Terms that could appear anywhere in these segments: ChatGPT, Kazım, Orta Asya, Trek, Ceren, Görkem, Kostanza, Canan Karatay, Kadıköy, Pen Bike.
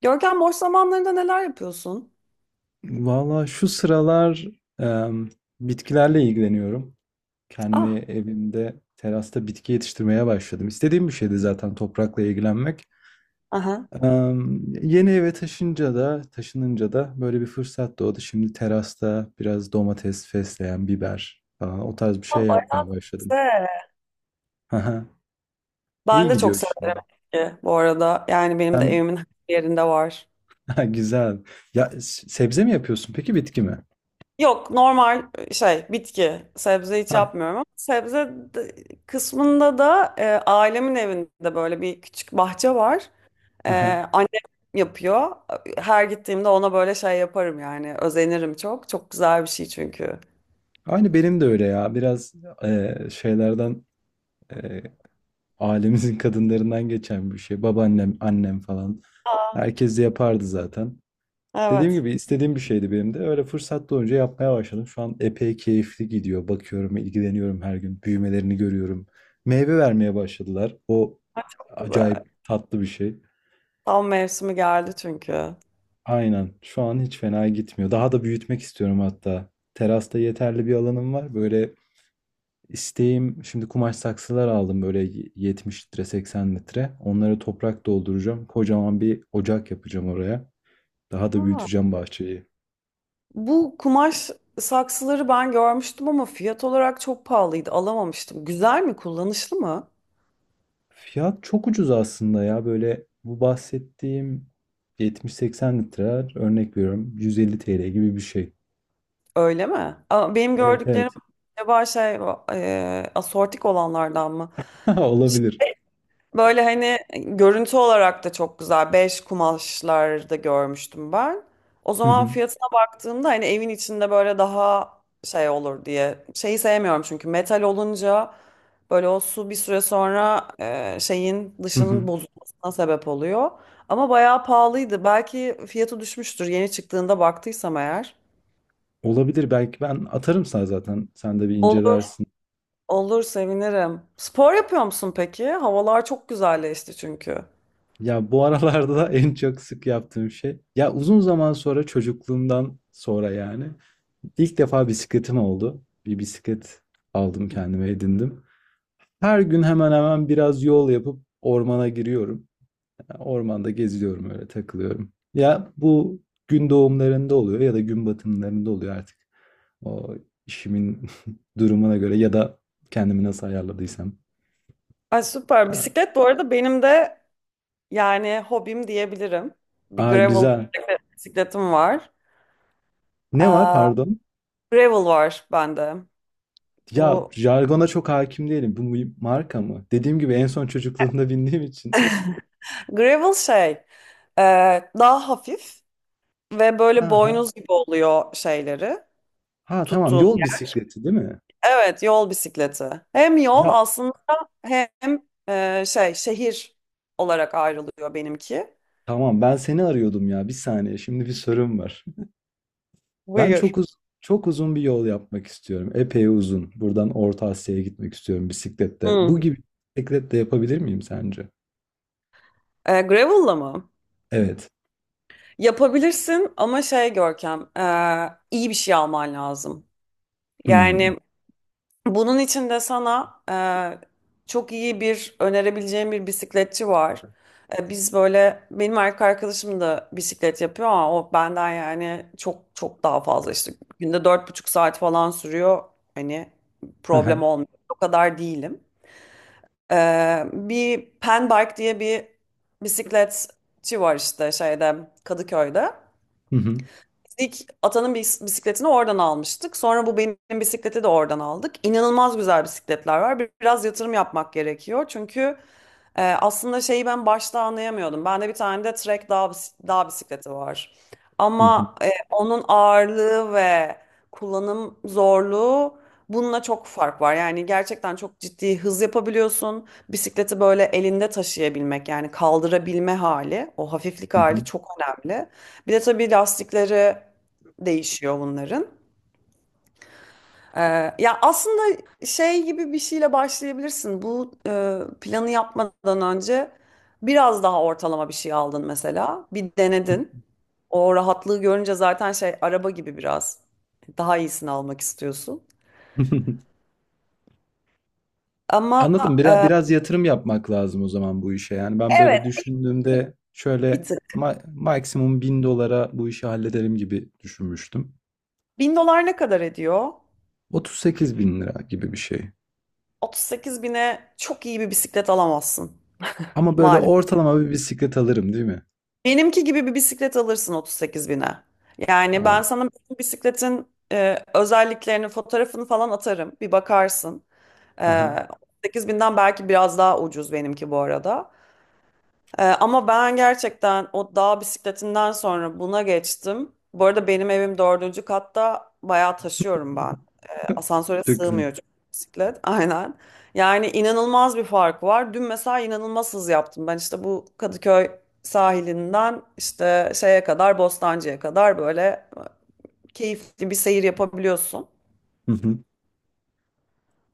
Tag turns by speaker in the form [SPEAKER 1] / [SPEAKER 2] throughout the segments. [SPEAKER 1] Görkem, boş zamanlarında neler yapıyorsun?
[SPEAKER 2] Valla şu sıralar em, bitkilerle ilgileniyorum. Kendi
[SPEAKER 1] Ah.
[SPEAKER 2] evimde terasta bitki yetiştirmeye başladım. İstediğim bir şeydi zaten toprakla ilgilenmek.
[SPEAKER 1] Aha.
[SPEAKER 2] Yeni eve taşınca da taşınınca da böyle bir fırsat doğdu. Şimdi terasta biraz domates, fesleğen, biber falan o tarz bir
[SPEAKER 1] Aa,
[SPEAKER 2] şey
[SPEAKER 1] bayağı
[SPEAKER 2] yapmaya başladım.
[SPEAKER 1] güzel.
[SPEAKER 2] Haha,
[SPEAKER 1] Ben
[SPEAKER 2] İyi
[SPEAKER 1] de çok
[SPEAKER 2] gidiyor şimdi.
[SPEAKER 1] severim bitki bu arada. Yani benim de
[SPEAKER 2] Sen
[SPEAKER 1] evimin her yerinde var.
[SPEAKER 2] Ha, güzel. Ya sebze mi yapıyorsun peki bitki mi?
[SPEAKER 1] Yok, normal şey bitki. Sebze hiç
[SPEAKER 2] Ha,
[SPEAKER 1] yapmıyorum ama kısmında da ailemin evinde böyle bir küçük bahçe var. E,
[SPEAKER 2] aha.
[SPEAKER 1] Annem yapıyor. Her gittiğimde ona böyle şey yaparım yani. Özenirim çok. Çok güzel bir şey çünkü.
[SPEAKER 2] Aynı benim de öyle ya. Biraz şeylerden e, ailemizin kadınlarından geçen bir şey. Babaannem, annem falan.
[SPEAKER 1] Aa,
[SPEAKER 2] Herkes de yapardı zaten. Dediğim
[SPEAKER 1] evet.
[SPEAKER 2] gibi istediğim bir şeydi benim de. Öyle fırsat doğunca yapmaya başladım. Şu an epey keyifli gidiyor. Bakıyorum, ilgileniyorum her gün. Büyümelerini görüyorum. Meyve vermeye başladılar. O
[SPEAKER 1] Ay, çok güzel.
[SPEAKER 2] acayip tatlı bir şey.
[SPEAKER 1] Tam mevsimi geldi çünkü.
[SPEAKER 2] Aynen. Şu an hiç fena gitmiyor. Daha da büyütmek istiyorum hatta. Terasta yeterli bir alanım var. Böyle İsteğim şimdi kumaş saksılar aldım, böyle 70 litre, 80 litre. Onları toprak dolduracağım. Kocaman bir ocak yapacağım oraya. Daha da
[SPEAKER 1] Aa,
[SPEAKER 2] büyüteceğim bahçeyi.
[SPEAKER 1] bu kumaş saksıları ben görmüştüm ama fiyat olarak çok pahalıydı. Alamamıştım. Güzel mi? Kullanışlı mı?
[SPEAKER 2] Fiyat çok ucuz aslında ya, böyle bu bahsettiğim 70-80 litreler, örnek veriyorum, 150 TL gibi bir şey.
[SPEAKER 1] Öyle mi? Aa, benim
[SPEAKER 2] Evet,
[SPEAKER 1] gördüklerim
[SPEAKER 2] evet.
[SPEAKER 1] acaba şey asortik olanlardan mı?
[SPEAKER 2] Olabilir.
[SPEAKER 1] Böyle hani görüntü olarak da çok güzel. Beş kumaşlarda görmüştüm ben. O
[SPEAKER 2] Hı
[SPEAKER 1] zaman
[SPEAKER 2] hı.
[SPEAKER 1] fiyatına baktığımda hani evin içinde böyle daha şey olur diye. Şeyi sevmiyorum çünkü metal olunca böyle o su bir süre sonra şeyin
[SPEAKER 2] Hı
[SPEAKER 1] dışının
[SPEAKER 2] hı.
[SPEAKER 1] bozulmasına sebep oluyor. Ama bayağı pahalıydı. Belki fiyatı düşmüştür yeni çıktığında baktıysam eğer.
[SPEAKER 2] Olabilir, belki ben atarım sana zaten, sen de bir
[SPEAKER 1] Olur,
[SPEAKER 2] incelersin.
[SPEAKER 1] olur sevinirim. Spor yapıyor musun peki? Havalar çok güzelleşti çünkü.
[SPEAKER 2] Ya bu aralarda da en çok sık yaptığım şey. Ya uzun zaman sonra, çocukluğumdan sonra yani İlk defa bisikletim oldu. Bir bisiklet aldım kendime, edindim. Her gün hemen hemen biraz yol yapıp ormana giriyorum. Yani ormanda geziyorum, öyle takılıyorum. Ya bu gün doğumlarında oluyor ya da gün batımlarında oluyor artık. O işimin durumuna göre ya da kendimi nasıl ayarladıysam.
[SPEAKER 1] Ay süper.
[SPEAKER 2] Ha.
[SPEAKER 1] Bisiklet bu arada benim de yani hobim diyebilirim. Bir
[SPEAKER 2] Aa,
[SPEAKER 1] gravel
[SPEAKER 2] güzel.
[SPEAKER 1] bisikletim var.
[SPEAKER 2] Ne var,
[SPEAKER 1] Aa,
[SPEAKER 2] pardon?
[SPEAKER 1] gravel var bende.
[SPEAKER 2] Ya
[SPEAKER 1] Bu
[SPEAKER 2] jargona çok hakim değilim. Bu bir marka mı? Dediğim gibi en son çocukluğumda bindiğim için.
[SPEAKER 1] gravel şey, e, daha hafif ve
[SPEAKER 2] Ha,
[SPEAKER 1] böyle
[SPEAKER 2] ha.
[SPEAKER 1] boynuz gibi oluyor şeyleri
[SPEAKER 2] Ha, tamam,
[SPEAKER 1] tuttuğu.
[SPEAKER 2] yol bisikleti değil mi?
[SPEAKER 1] Evet, yol bisikleti. Hem yol
[SPEAKER 2] Ya
[SPEAKER 1] aslında hem şey, şehir olarak ayrılıyor benimki.
[SPEAKER 2] tamam, ben seni arıyordum ya. Bir saniye, şimdi bir sorum var. Ben
[SPEAKER 1] Buyur.
[SPEAKER 2] çok uzun bir yol yapmak istiyorum. Epey uzun. Buradan Orta Asya'ya gitmek istiyorum bisiklette.
[SPEAKER 1] Hı.
[SPEAKER 2] Bu gibi bisikletle yapabilir miyim sence?
[SPEAKER 1] Gravel'la mı?
[SPEAKER 2] Evet.
[SPEAKER 1] Yapabilirsin ama şey Görkem, iyi bir şey alman lazım.
[SPEAKER 2] Hmm.
[SPEAKER 1] Yani bunun için de sana çok iyi bir önerebileceğim bir bisikletçi var. Biz böyle, benim erkek arkadaşım da bisiklet yapıyor ama o benden yani çok daha fazla işte günde 4,5 saat falan sürüyor. Hani
[SPEAKER 2] Aha.
[SPEAKER 1] problem olmuyor. O kadar değilim. Bir Pen Bike diye bir bisikletçi var işte şeyde, Kadıköy'de.
[SPEAKER 2] Hı hı.
[SPEAKER 1] İlk atanın bisikletini oradan almıştık. Sonra bu benim bisikleti de oradan aldık. İnanılmaz güzel bisikletler var. Biraz yatırım yapmak gerekiyor. Çünkü aslında şeyi ben başta anlayamıyordum. Bende bir tane de Trek dağ, dağ bisikleti var.
[SPEAKER 2] Hı hı.
[SPEAKER 1] Ama onun ağırlığı ve kullanım zorluğu bununla çok fark var. Yani gerçekten çok ciddi hız yapabiliyorsun. Bisikleti böyle elinde taşıyabilmek yani kaldırabilme hali, o hafiflik
[SPEAKER 2] Hı hı.
[SPEAKER 1] hali çok önemli. Bir de tabii lastikleri değişiyor bunların. Ee, Ya aslında şey gibi bir şeyle başlayabilirsin. Bu planı yapmadan önce biraz daha ortalama bir şey aldın mesela. Bir denedin. O rahatlığı görünce zaten şey araba gibi biraz daha iyisini almak istiyorsun. Ama
[SPEAKER 2] Anladım. Biraz,
[SPEAKER 1] e,
[SPEAKER 2] biraz yatırım yapmak lazım o zaman bu işe. Yani ben
[SPEAKER 1] evet,
[SPEAKER 2] böyle düşündüğümde
[SPEAKER 1] bir
[SPEAKER 2] şöyle
[SPEAKER 1] tık.
[SPEAKER 2] maksimum 1.000 dolara bu işi hallederim gibi düşünmüştüm.
[SPEAKER 1] 1.000 dolar ne kadar ediyor?
[SPEAKER 2] 38 bin lira gibi bir şey.
[SPEAKER 1] 38 bine çok iyi bir bisiklet alamazsın
[SPEAKER 2] Ama böyle
[SPEAKER 1] maalesef.
[SPEAKER 2] ortalama bir bisiklet alırım değil mi?
[SPEAKER 1] Benimki gibi bir bisiklet alırsın 38 bine. Yani ben
[SPEAKER 2] Tamam.
[SPEAKER 1] sana bütün bisikletin özelliklerini, fotoğrafını falan atarım. Bir bakarsın. E,
[SPEAKER 2] Aha.
[SPEAKER 1] 38 binden belki biraz daha ucuz benimki bu arada. Ama ben gerçekten o dağ bisikletinden sonra buna geçtim. Bu arada benim evim dördüncü katta, bayağı taşıyorum ben. Asansöre
[SPEAKER 2] Çok güzel.
[SPEAKER 1] sığmıyor çünkü bisiklet. Aynen. Yani inanılmaz bir fark var. Dün mesela inanılmaz hız yaptım. Ben işte bu Kadıköy sahilinden işte şeye kadar, Bostancı'ya kadar böyle keyifli bir seyir yapabiliyorsun.
[SPEAKER 2] Hı hı.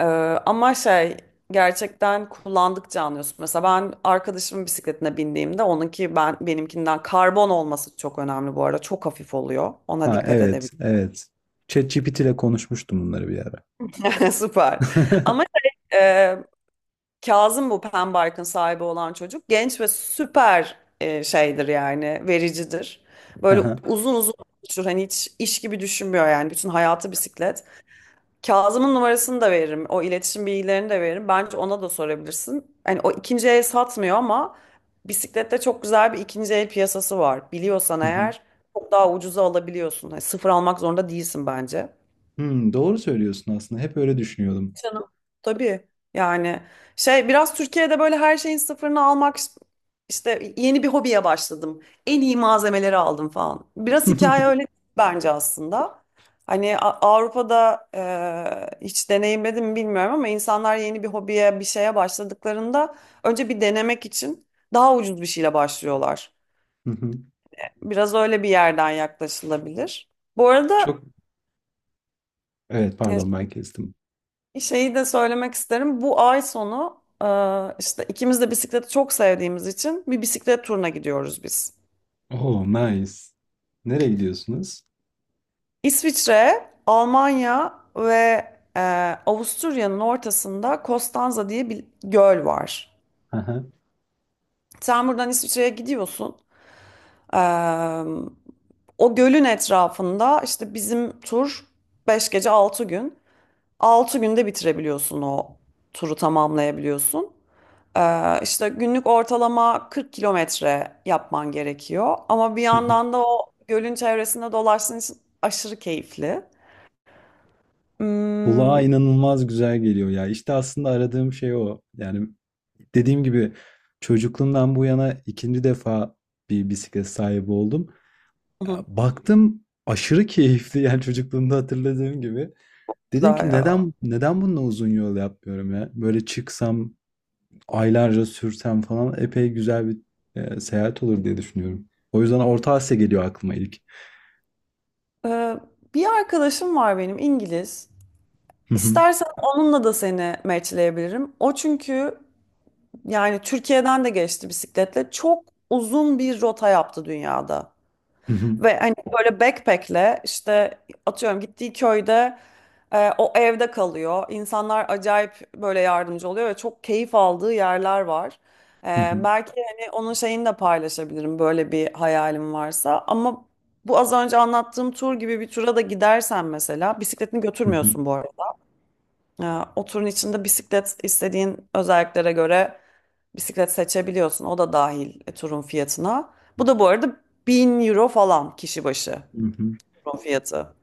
[SPEAKER 1] Ee, Ama şey, gerçekten kullandıkça anlıyorsun. Mesela ben arkadaşımın bisikletine bindiğimde onunki, benimkinden karbon olması çok önemli bu arada. Çok hafif oluyor. Ona
[SPEAKER 2] Ha,
[SPEAKER 1] dikkat
[SPEAKER 2] evet,
[SPEAKER 1] edebilirim.
[SPEAKER 2] evet. ChatGPT ile konuşmuştum bunları bir ara.
[SPEAKER 1] Süper. Ama şey, e, Kazım bu Pembark'ın sahibi olan çocuk. Genç ve süper şeydir yani, vericidir. Böyle
[SPEAKER 2] Aha.
[SPEAKER 1] uzun uzun konuşur. Hani hiç iş gibi düşünmüyor yani. Bütün hayatı bisiklet. Kazım'ın numarasını da veririm. O iletişim bilgilerini de veririm. Bence ona da sorabilirsin. Hani o ikinci el satmıyor ama bisiklette çok güzel bir ikinci el piyasası var. Biliyorsan
[SPEAKER 2] Hı hı.
[SPEAKER 1] eğer çok daha ucuza alabiliyorsun. Hani sıfır almak zorunda değilsin bence.
[SPEAKER 2] Hmm, doğru söylüyorsun aslında. Hep öyle düşünüyordum.
[SPEAKER 1] Canım. Tabii yani şey, biraz Türkiye'de böyle her şeyin sıfırını almak, işte yeni bir hobiye başladım, en iyi malzemeleri aldım falan, biraz hikaye öyle bence aslında. Hani Avrupa'da hiç deneyimledim mi bilmiyorum ama insanlar yeni bir hobiye, bir şeye başladıklarında önce bir denemek için daha ucuz bir şeyle başlıyorlar.
[SPEAKER 2] Hı hı.
[SPEAKER 1] Biraz öyle bir yerden yaklaşılabilir. Bu arada
[SPEAKER 2] Çok, evet,
[SPEAKER 1] e,
[SPEAKER 2] pardon, ben kestim.
[SPEAKER 1] şeyi de söylemek isterim. Bu ay sonu işte ikimiz de bisikleti çok sevdiğimiz için bir bisiklet turuna gidiyoruz biz.
[SPEAKER 2] Oh nice. Nereye gidiyorsunuz?
[SPEAKER 1] İsviçre, Almanya ve e, Avusturya'nın ortasında Kostanza diye bir göl var.
[SPEAKER 2] Aha.
[SPEAKER 1] Sen buradan İsviçre'ye gidiyorsun. E, O gölün etrafında işte bizim tur, 5 gece 6 gün. 6 günde bitirebiliyorsun, o turu tamamlayabiliyorsun. İşte günlük ortalama 40 kilometre yapman gerekiyor. Ama bir
[SPEAKER 2] Hı hı.
[SPEAKER 1] yandan da o gölün çevresinde dolaştığın için aşırı keyifli.
[SPEAKER 2] Kulağa
[SPEAKER 1] Hmm,
[SPEAKER 2] inanılmaz güzel geliyor ya. İşte aslında aradığım şey o. Yani dediğim gibi çocukluğumdan bu yana ikinci defa bir bisiklet sahibi oldum. Ya,
[SPEAKER 1] hı,
[SPEAKER 2] baktım aşırı keyifli, yani çocukluğumda hatırladığım gibi. Dedim
[SPEAKER 1] güzel
[SPEAKER 2] ki
[SPEAKER 1] ya.
[SPEAKER 2] neden bununla uzun yol yapmıyorum ya? Böyle çıksam aylarca sürsem falan epey güzel bir seyahat olur diye düşünüyorum. O yüzden Orta Asya geliyor aklıma ilk.
[SPEAKER 1] Ee, Bir arkadaşım var benim, İngiliz.
[SPEAKER 2] Hı hı,
[SPEAKER 1] İstersen onunla da seni matchleyebilirim. O çünkü, yani, Türkiye'den de geçti bisikletle. Çok uzun bir rota yaptı dünyada.
[SPEAKER 2] hı hı,
[SPEAKER 1] Ve hani böyle backpack'le işte atıyorum gittiği köyde o evde kalıyor. İnsanlar acayip böyle yardımcı oluyor ve çok keyif aldığı yerler var.
[SPEAKER 2] hı hı,
[SPEAKER 1] Belki hani onun şeyini de paylaşabilirim böyle bir hayalim varsa. Ama bu az önce anlattığım tur gibi bir tura da gidersen mesela, bisikletini
[SPEAKER 2] hı hı,
[SPEAKER 1] götürmüyorsun bu arada. E, O turun içinde bisiklet, istediğin özelliklere göre bisiklet seçebiliyorsun. O da dahil turun fiyatına. Bu da bu arada 1.000 euro falan kişi başı.
[SPEAKER 2] hı hı.
[SPEAKER 1] Patron fiyatı.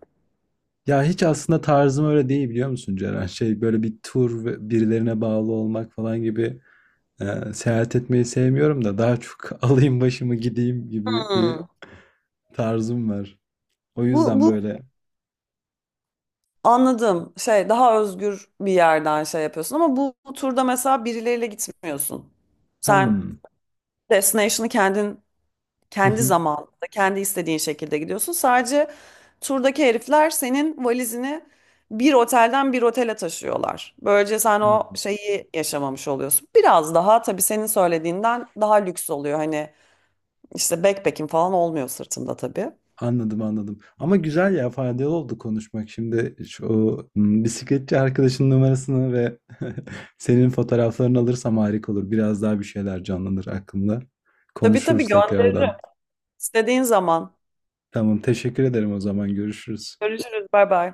[SPEAKER 2] Ya hiç aslında tarzım öyle değil, biliyor musun Ceren? Şey, böyle bir tur ve birilerine bağlı olmak falan gibi, seyahat etmeyi sevmiyorum da, daha çok alayım başımı gideyim gibi bir
[SPEAKER 1] Hmm.
[SPEAKER 2] tarzım var. O
[SPEAKER 1] Bu,
[SPEAKER 2] yüzden
[SPEAKER 1] bu
[SPEAKER 2] böyle
[SPEAKER 1] anladım. Şey, daha özgür bir yerden şey yapıyorsun ama bu turda mesela birileriyle gitmiyorsun. Sen
[SPEAKER 2] hımm,
[SPEAKER 1] destination'ı kendin,
[SPEAKER 2] hı
[SPEAKER 1] kendi
[SPEAKER 2] hı,
[SPEAKER 1] zamanında kendi istediğin şekilde gidiyorsun. Sadece turdaki herifler senin valizini bir otelden bir otele taşıyorlar. Böylece sen o
[SPEAKER 2] hımm.
[SPEAKER 1] şeyi yaşamamış oluyorsun. Biraz daha tabii senin söylediğinden daha lüks oluyor. Hani İşte backpack'im falan olmuyor sırtımda tabii.
[SPEAKER 2] Anladım, anladım. Ama güzel ya, faydalı oldu konuşmak. Şimdi şu, bisikletçi arkadaşının numarasını ve senin fotoğraflarını alırsam harika olur. Biraz daha bir şeyler canlanır aklımda.
[SPEAKER 1] Tabii tabii
[SPEAKER 2] Konuşuruz
[SPEAKER 1] gönderirim.
[SPEAKER 2] tekrardan.
[SPEAKER 1] İstediğin zaman.
[SPEAKER 2] Tamam, teşekkür ederim o zaman. Görüşürüz.
[SPEAKER 1] Görüşürüz. Bay bay.